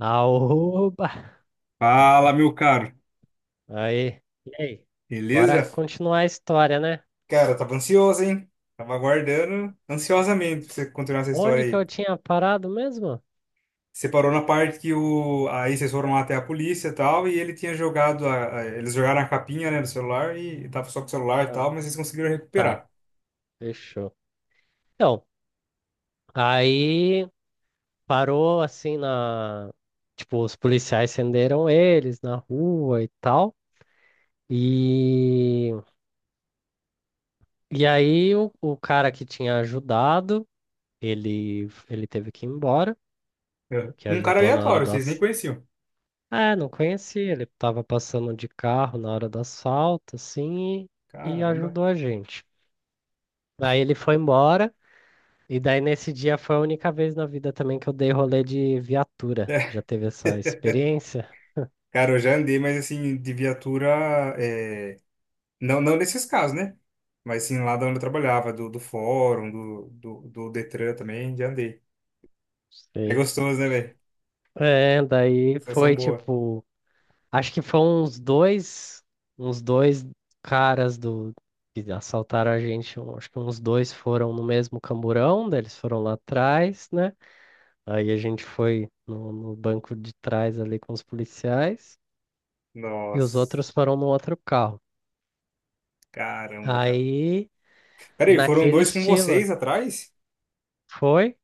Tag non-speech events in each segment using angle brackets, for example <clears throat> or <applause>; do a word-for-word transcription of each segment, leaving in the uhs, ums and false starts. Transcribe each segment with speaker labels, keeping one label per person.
Speaker 1: Aoba!
Speaker 2: Fala, meu caro.
Speaker 1: Aí, e aí? Bora
Speaker 2: Beleza?
Speaker 1: continuar a história, né?
Speaker 2: Cara, tava ansioso, hein? Tava aguardando ansiosamente pra você continuar essa história
Speaker 1: Onde que eu
Speaker 2: aí.
Speaker 1: tinha parado mesmo?
Speaker 2: Você parou na parte que o... aí vocês foram lá até a polícia e tal, e ele tinha jogado a... a- eles jogaram a capinha, né, do celular e tava só com o celular e
Speaker 1: Não.
Speaker 2: tal, mas vocês conseguiram
Speaker 1: Tá,
Speaker 2: recuperar.
Speaker 1: fechou. Então, aí parou assim na. Tipo, os policiais acenderam eles na rua e tal. E, e aí o, o cara que tinha ajudado, ele, ele teve que ir embora,
Speaker 2: É.
Speaker 1: que
Speaker 2: Um cara
Speaker 1: ajudou na hora
Speaker 2: aleatório,
Speaker 1: do,
Speaker 2: vocês nem
Speaker 1: ac-
Speaker 2: conheciam.
Speaker 1: é, não conheci. Ele tava passando de carro na hora do assalto, assim, e, e
Speaker 2: Caramba.
Speaker 1: ajudou a gente. Aí ele foi embora, e daí nesse dia foi a única vez na vida também que eu dei rolê de viatura. Já
Speaker 2: É.
Speaker 1: teve essa experiência?
Speaker 2: Cara, eu já andei, mas assim, de viatura, é, não, não nesses casos, né? Mas sim, lá da onde eu trabalhava, do, do fórum, do, do, do Detran também, já andei. É
Speaker 1: Sei.
Speaker 2: gostoso, né, velho?
Speaker 1: É, daí
Speaker 2: Sensação
Speaker 1: foi
Speaker 2: boa.
Speaker 1: tipo, acho que foram uns dois, uns dois caras do que assaltaram a gente, um- acho que uns dois foram no mesmo camburão, daí eles foram lá atrás, né? Aí a gente foi no, no banco de trás ali com os policiais e os
Speaker 2: Nossa,
Speaker 1: outros foram no outro carro.
Speaker 2: caramba, cara.
Speaker 1: Aí,
Speaker 2: Peraí, foram
Speaker 1: naquele
Speaker 2: dois com
Speaker 1: estilo,
Speaker 2: vocês atrás?
Speaker 1: foi?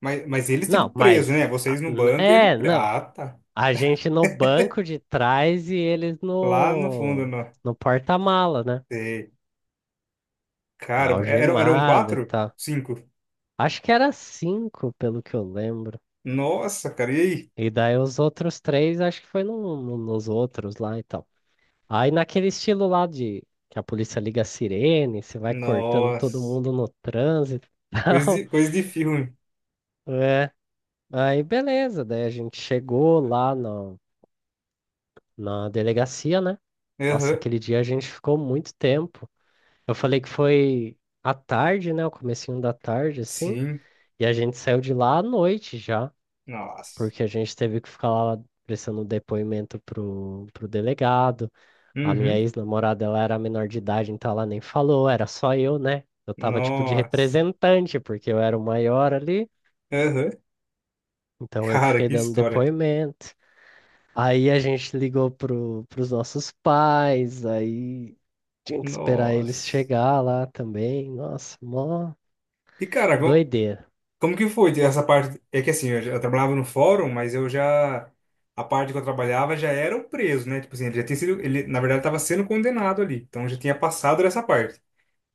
Speaker 2: Mas, mas eles,
Speaker 1: Não,
Speaker 2: tipo, preso,
Speaker 1: mas.
Speaker 2: né?
Speaker 1: Ah,
Speaker 2: Vocês no
Speaker 1: n-
Speaker 2: banco e ele...
Speaker 1: é,
Speaker 2: pre-
Speaker 1: não.
Speaker 2: ah, tá.
Speaker 1: A gente no banco de trás e eles
Speaker 2: Lá no fundo,
Speaker 1: no,
Speaker 2: não.
Speaker 1: no porta-mala, né?
Speaker 2: Sei. Cara, eram, eram
Speaker 1: Algemada e
Speaker 2: quatro?
Speaker 1: tal.
Speaker 2: Cinco?
Speaker 1: Acho que era cinco, pelo que eu lembro.
Speaker 2: Nossa, cara, e aí?
Speaker 1: E daí os outros três, acho que foi no, no- nos outros lá e tal. Aí naquele estilo lá de que a polícia liga a sirene, você vai cortando todo
Speaker 2: Nossa.
Speaker 1: mundo no trânsito <laughs> e
Speaker 2: Coisa
Speaker 1: tal.
Speaker 2: de, coisa de filme.
Speaker 1: É. Aí beleza, daí a gente chegou lá na, na delegacia, né? Nossa,
Speaker 2: Aham.
Speaker 1: aquele dia a gente ficou muito tempo. Eu falei que foi à tarde, né? O comecinho da tarde, assim.
Speaker 2: Sim.
Speaker 1: E a gente saiu de lá à noite já,
Speaker 2: Nossa.
Speaker 1: porque a gente teve que ficar lá prestando depoimento pro, pro delegado. A minha
Speaker 2: Uhum.
Speaker 1: ex-namorada, ela era menor de idade, então ela nem falou, era só eu, né? Eu tava tipo de
Speaker 2: Nossa.
Speaker 1: representante, porque eu era o maior ali,
Speaker 2: Aham.
Speaker 1: então eu que
Speaker 2: Cara,
Speaker 1: fiquei
Speaker 2: que
Speaker 1: dando
Speaker 2: história.
Speaker 1: depoimento. Aí a gente ligou pro, pros nossos pais, aí tinha que esperar eles
Speaker 2: Nossa.
Speaker 1: chegar lá também. Nossa, mó
Speaker 2: E, cara,
Speaker 1: doideira.
Speaker 2: como que foi essa parte? É que assim, eu, já- eu trabalhava no fórum, mas eu já. A parte que eu trabalhava já era o preso, né? Tipo assim, ele já tinha sido. Ele, na verdade, estava sendo condenado ali. Então já tinha passado dessa parte.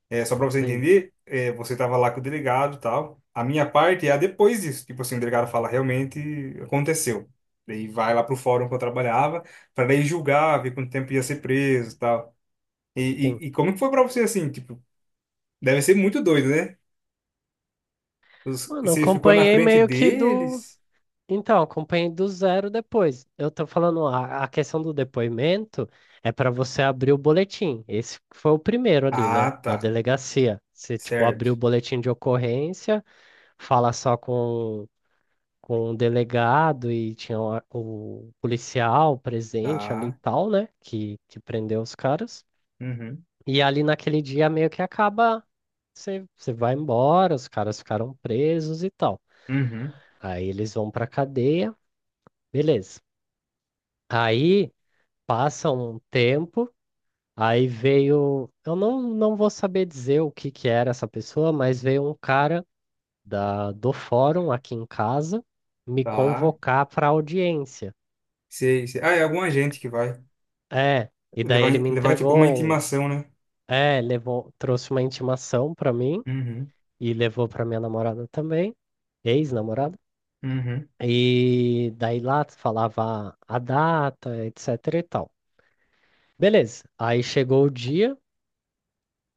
Speaker 2: É, só para você
Speaker 1: Sim,
Speaker 2: entender, é, você estava lá com o delegado e tal. A minha parte é a depois disso. Tipo assim, o delegado fala, realmente aconteceu. Daí vai lá pro fórum que eu trabalhava, para daí julgar, ver quanto tempo ia ser preso e tal. E,
Speaker 1: sim.
Speaker 2: e, e como que foi para você assim? Tipo, deve ser muito doido, né? Os- e
Speaker 1: Mano, eu
Speaker 2: você ficou na
Speaker 1: acompanhei
Speaker 2: frente
Speaker 1: meio que do.
Speaker 2: deles.
Speaker 1: Então, acompanhei do zero depois. Eu tô falando, a, a questão do depoimento é para você abrir o boletim. Esse foi o primeiro ali,
Speaker 2: Ah,
Speaker 1: né? Na
Speaker 2: tá.
Speaker 1: delegacia. Você, tipo,
Speaker 2: Certo.
Speaker 1: abriu o boletim de ocorrência, fala só com, com o delegado e tinha o, o policial presente ali e
Speaker 2: Tá.
Speaker 1: tal, né? Que, que prendeu os caras.
Speaker 2: Uhum.
Speaker 1: E ali naquele dia meio que acaba, você, você vai embora, os caras ficaram presos e tal.
Speaker 2: Uhum.
Speaker 1: Aí eles vão pra cadeia, beleza. Aí. Passa um tempo, aí veio. Eu não, não vou saber dizer o que que era essa pessoa, mas veio um cara da, do fórum aqui em casa me
Speaker 2: Tá.
Speaker 1: convocar para audiência.
Speaker 2: Sei, sei. Ah, é alguma gente que vai
Speaker 1: É, e daí
Speaker 2: levar,
Speaker 1: ele me
Speaker 2: levar tipo uma
Speaker 1: entregou. um-
Speaker 2: intimação, né?
Speaker 1: É, levou, trouxe uma intimação para mim
Speaker 2: Uhum.
Speaker 1: e levou para minha namorada também, ex-namorada.
Speaker 2: Uhum.
Speaker 1: E daí lá falava a data, etc e tal. Beleza, aí chegou o dia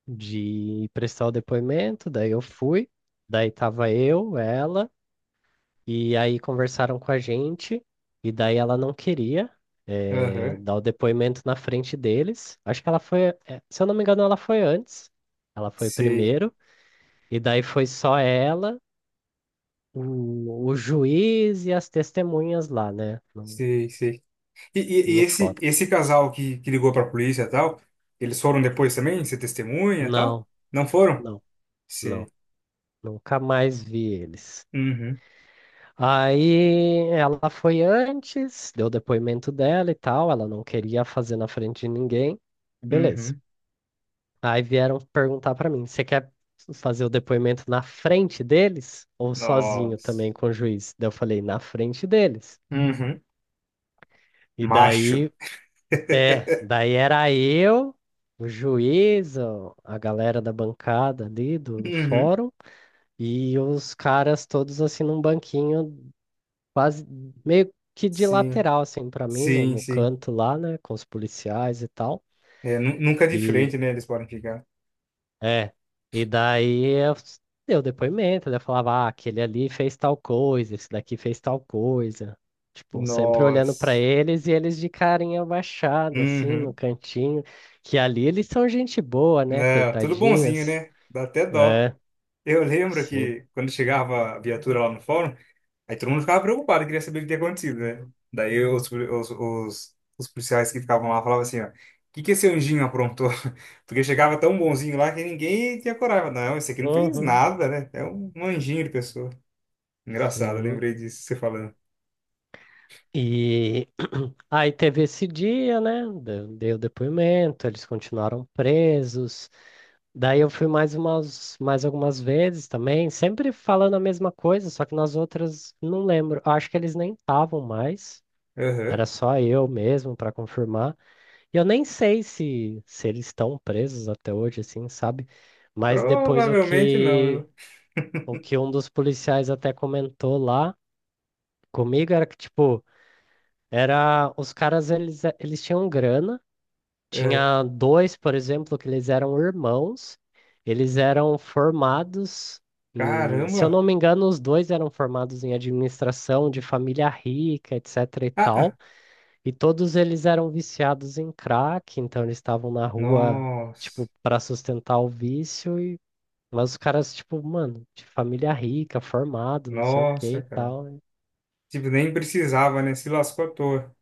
Speaker 1: de prestar o depoimento, daí eu fui, daí tava eu, ela, e aí conversaram com a gente, e daí ela não queria eh,
Speaker 2: Aham.
Speaker 1: dar o depoimento na frente deles. Acho que ela foi, eh, se eu não me engano, ela foi antes, ela foi
Speaker 2: Sei,
Speaker 1: primeiro, e daí foi só ela, o, o juiz e as testemunhas lá, né, no,
Speaker 2: sei, sei. E, e, e
Speaker 1: no
Speaker 2: esse,
Speaker 1: fórum.
Speaker 2: esse casal que, que ligou pra polícia e tal, eles foram depois também? Ser testemunha e tal?
Speaker 1: Não,
Speaker 2: Não foram?
Speaker 1: não, não,
Speaker 2: Sei.
Speaker 1: nunca mais vi eles.
Speaker 2: Uhum.
Speaker 1: Aí ela foi antes, deu o depoimento dela e tal, ela não queria fazer na frente de ninguém. Beleza.
Speaker 2: Uhum.
Speaker 1: Aí vieram perguntar pra mim: você quer fazer o depoimento na frente deles ou sozinho
Speaker 2: Nossa.
Speaker 1: também com o juiz? Daí eu falei: na frente deles.
Speaker 2: Uhum.
Speaker 1: E
Speaker 2: Macho.
Speaker 1: daí, é, daí era eu, o juiz, o- a galera da bancada ali do, do
Speaker 2: Uhum.
Speaker 1: fórum e os caras todos assim num banquinho quase meio
Speaker 2: <laughs>
Speaker 1: que de
Speaker 2: Sim,
Speaker 1: lateral, assim, pra mim, no,
Speaker 2: sim,
Speaker 1: no
Speaker 2: sim.
Speaker 1: canto lá, né, com os policiais e tal.
Speaker 2: É, nu- nunca de
Speaker 1: E
Speaker 2: frente, né? Eles podem ficar.
Speaker 1: é, e daí eu s- deu depoimento, daí eu falava, ah, aquele ali fez tal coisa, esse daqui fez tal coisa. Tipo, sempre olhando pra
Speaker 2: Nossa.
Speaker 1: eles e eles de carinha baixada, assim, no
Speaker 2: Uhum.
Speaker 1: cantinho. Que ali eles são gente boa, né,
Speaker 2: Não, tudo bonzinho,
Speaker 1: coitadinhas.
Speaker 2: né? Dá até dó.
Speaker 1: É,
Speaker 2: Eu lembro
Speaker 1: sim.
Speaker 2: que quando chegava a viatura lá no fórum, aí todo mundo ficava preocupado, queria saber o que tinha acontecido, né? Daí os, os, os, os policiais que ficavam lá falavam assim, ó, o que que esse anjinho aprontou? <laughs> Porque chegava tão bonzinho lá que ninguém tinha coragem. Não, esse aqui não fez
Speaker 1: Uhum,
Speaker 2: nada, né? É um um anjinho de pessoa. Engraçado, eu
Speaker 1: sim.
Speaker 2: lembrei disso, você falando.
Speaker 1: E <clears throat> aí teve esse dia, né? de- Dei o depoimento, eles continuaram presos. Daí eu fui mais umas, mais algumas vezes também, sempre falando a mesma coisa, só que nas outras não lembro. Acho que eles nem estavam mais.
Speaker 2: Aham.
Speaker 1: Era só eu mesmo para confirmar. E eu nem sei se, se eles estão presos até hoje, assim, sabe? Mas depois o
Speaker 2: Provavelmente não,
Speaker 1: que,
Speaker 2: viu?
Speaker 1: o que um dos policiais até comentou lá comigo era que, tipo, era, os caras, eles, eles tinham grana.
Speaker 2: É.
Speaker 1: Tinha dois, por exemplo, que eles eram irmãos. Eles eram formados em, se eu
Speaker 2: Caramba.
Speaker 1: não me engano, os dois eram formados em administração de família rica, etc e
Speaker 2: Ah, ah.
Speaker 1: tal. E todos eles eram viciados em crack, então eles estavam na rua,
Speaker 2: Nossa.
Speaker 1: tipo, para sustentar o vício e mas os caras, tipo, mano, de família rica, formado, não sei o que
Speaker 2: Nossa,
Speaker 1: e
Speaker 2: cara.
Speaker 1: tal.
Speaker 2: Tipo, nem precisava, né? Se lascou à toa.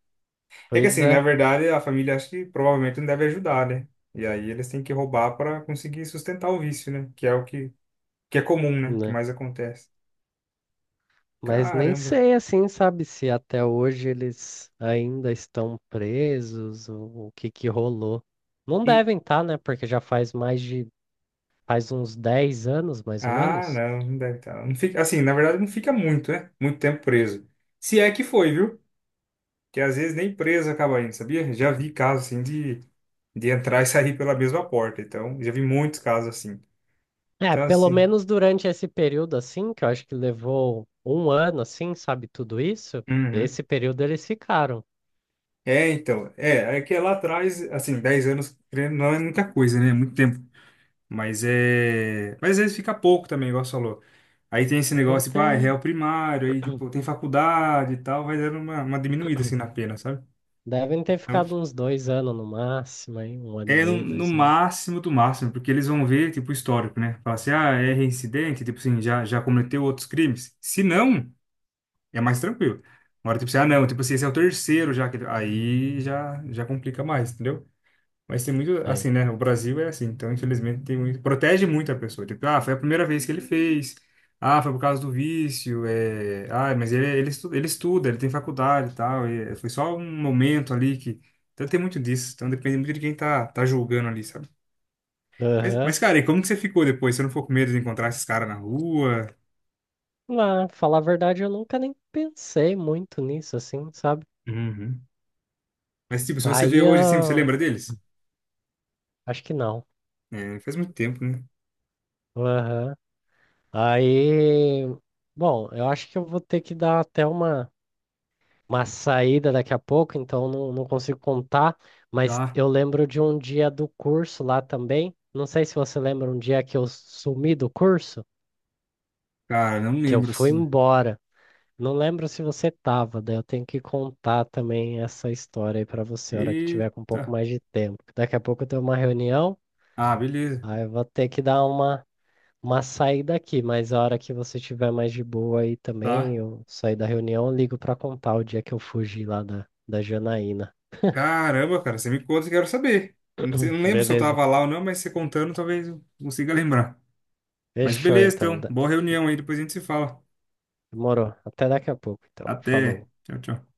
Speaker 2: É que
Speaker 1: Pois
Speaker 2: assim, na
Speaker 1: é,
Speaker 2: verdade, a família acha que provavelmente não deve ajudar, né? E aí eles têm que roubar para conseguir sustentar o vício, né? Que é o que, que é comum, né? Que
Speaker 1: né?
Speaker 2: mais acontece.
Speaker 1: Mas nem
Speaker 2: Caramba.
Speaker 1: sei, assim, sabe, se até hoje eles ainda estão presos, ou o que que rolou. Não
Speaker 2: E
Speaker 1: devem estar, né? Porque já faz mais de, faz uns dez anos, mais ou
Speaker 2: ah,
Speaker 1: menos.
Speaker 2: não, não deve estar. Não fica, assim, na verdade, não fica muito, né? Muito tempo preso. Se é que foi, viu? Que às vezes nem preso acaba indo, sabia? Já vi casos assim de, de entrar e sair pela mesma porta. Então, já vi muitos casos assim.
Speaker 1: É,
Speaker 2: Então,
Speaker 1: pelo
Speaker 2: assim.
Speaker 1: menos durante esse período, assim, que eu acho que levou um ano, assim, sabe, tudo isso,
Speaker 2: Uhum.
Speaker 1: esse período eles ficaram.
Speaker 2: É, então, é, é que é lá atrás, assim, dez anos querendo, não é muita coisa, né? É muito tempo. Mas é. Mas às vezes fica pouco também, igual você falou. Aí tem esse
Speaker 1: Devem
Speaker 2: negócio, tipo, ah, é
Speaker 1: ter,
Speaker 2: réu primário, aí, tipo, tem faculdade e tal, vai dando uma, uma diminuída, assim, na pena, sabe?
Speaker 1: devem ter
Speaker 2: Então,
Speaker 1: ficado uns dois anos no máximo, aí, um ano e
Speaker 2: é no,
Speaker 1: meio,
Speaker 2: no
Speaker 1: dois anos.
Speaker 2: máximo do máximo, porque eles vão ver, tipo, o histórico, né? Falar assim, ah, é reincidente, tipo assim, já, já cometeu outros crimes. Se não, é mais tranquilo. Agora, tipo assim, ah, não, tipo assim, esse é o terceiro já que. Aí já, já complica mais, entendeu? Mas tem muito, assim, né? O Brasil é assim, então infelizmente tem muito, protege muito a pessoa. Tipo, ah, foi a primeira vez que ele fez, ah, foi por causa do vício, é... ah, mas ele, ele, estu- ele estuda, ele tem faculdade e tal, e foi só um momento ali que. Então tem muito disso, então depende muito de quem tá, tá julgando ali, sabe? Mas,
Speaker 1: Aí.
Speaker 2: mas, cara, e como que você ficou depois? Você não ficou com medo de encontrar esses caras na rua?
Speaker 1: Lá, falar a verdade, eu nunca nem pensei muito nisso, assim, sabe?
Speaker 2: Uhum. Mas, tipo, se você vê
Speaker 1: Aí
Speaker 2: hoje assim, você
Speaker 1: eu
Speaker 2: lembra deles?
Speaker 1: acho que não.
Speaker 2: É, faz muito tempo, né?
Speaker 1: Aham. Aí, bom, eu acho que eu vou ter que dar até uma, uma saída daqui a pouco, então não, não consigo contar, mas
Speaker 2: Tá.
Speaker 1: eu lembro de um dia do curso lá também. Não sei se você lembra um dia que eu sumi do curso,
Speaker 2: Cara, não
Speaker 1: que eu
Speaker 2: lembro
Speaker 1: fui
Speaker 2: assim.
Speaker 1: embora. Não lembro se você tava, daí eu tenho que contar também essa história aí pra você, a hora que tiver com um pouco
Speaker 2: Eita.
Speaker 1: mais de tempo. Daqui a pouco eu tenho uma reunião,
Speaker 2: Ah, beleza.
Speaker 1: aí eu vou ter que dar uma, uma saída aqui, mas a hora que você tiver mais de boa aí também,
Speaker 2: Tá.
Speaker 1: eu sair da reunião, eu ligo pra contar o dia que eu fugi lá da, da Janaína.
Speaker 2: Caramba, cara, você me conta que eu quero saber. Não sei, não lembro se eu
Speaker 1: Beleza,
Speaker 2: tava lá ou não, mas você contando talvez eu consiga lembrar. Mas
Speaker 1: fechou
Speaker 2: beleza,
Speaker 1: então.
Speaker 2: então.
Speaker 1: da-
Speaker 2: Boa reunião aí, depois a gente se fala.
Speaker 1: Demorou. Até daqui a pouco, então.
Speaker 2: Até.
Speaker 1: Falou.
Speaker 2: Tchau, tchau.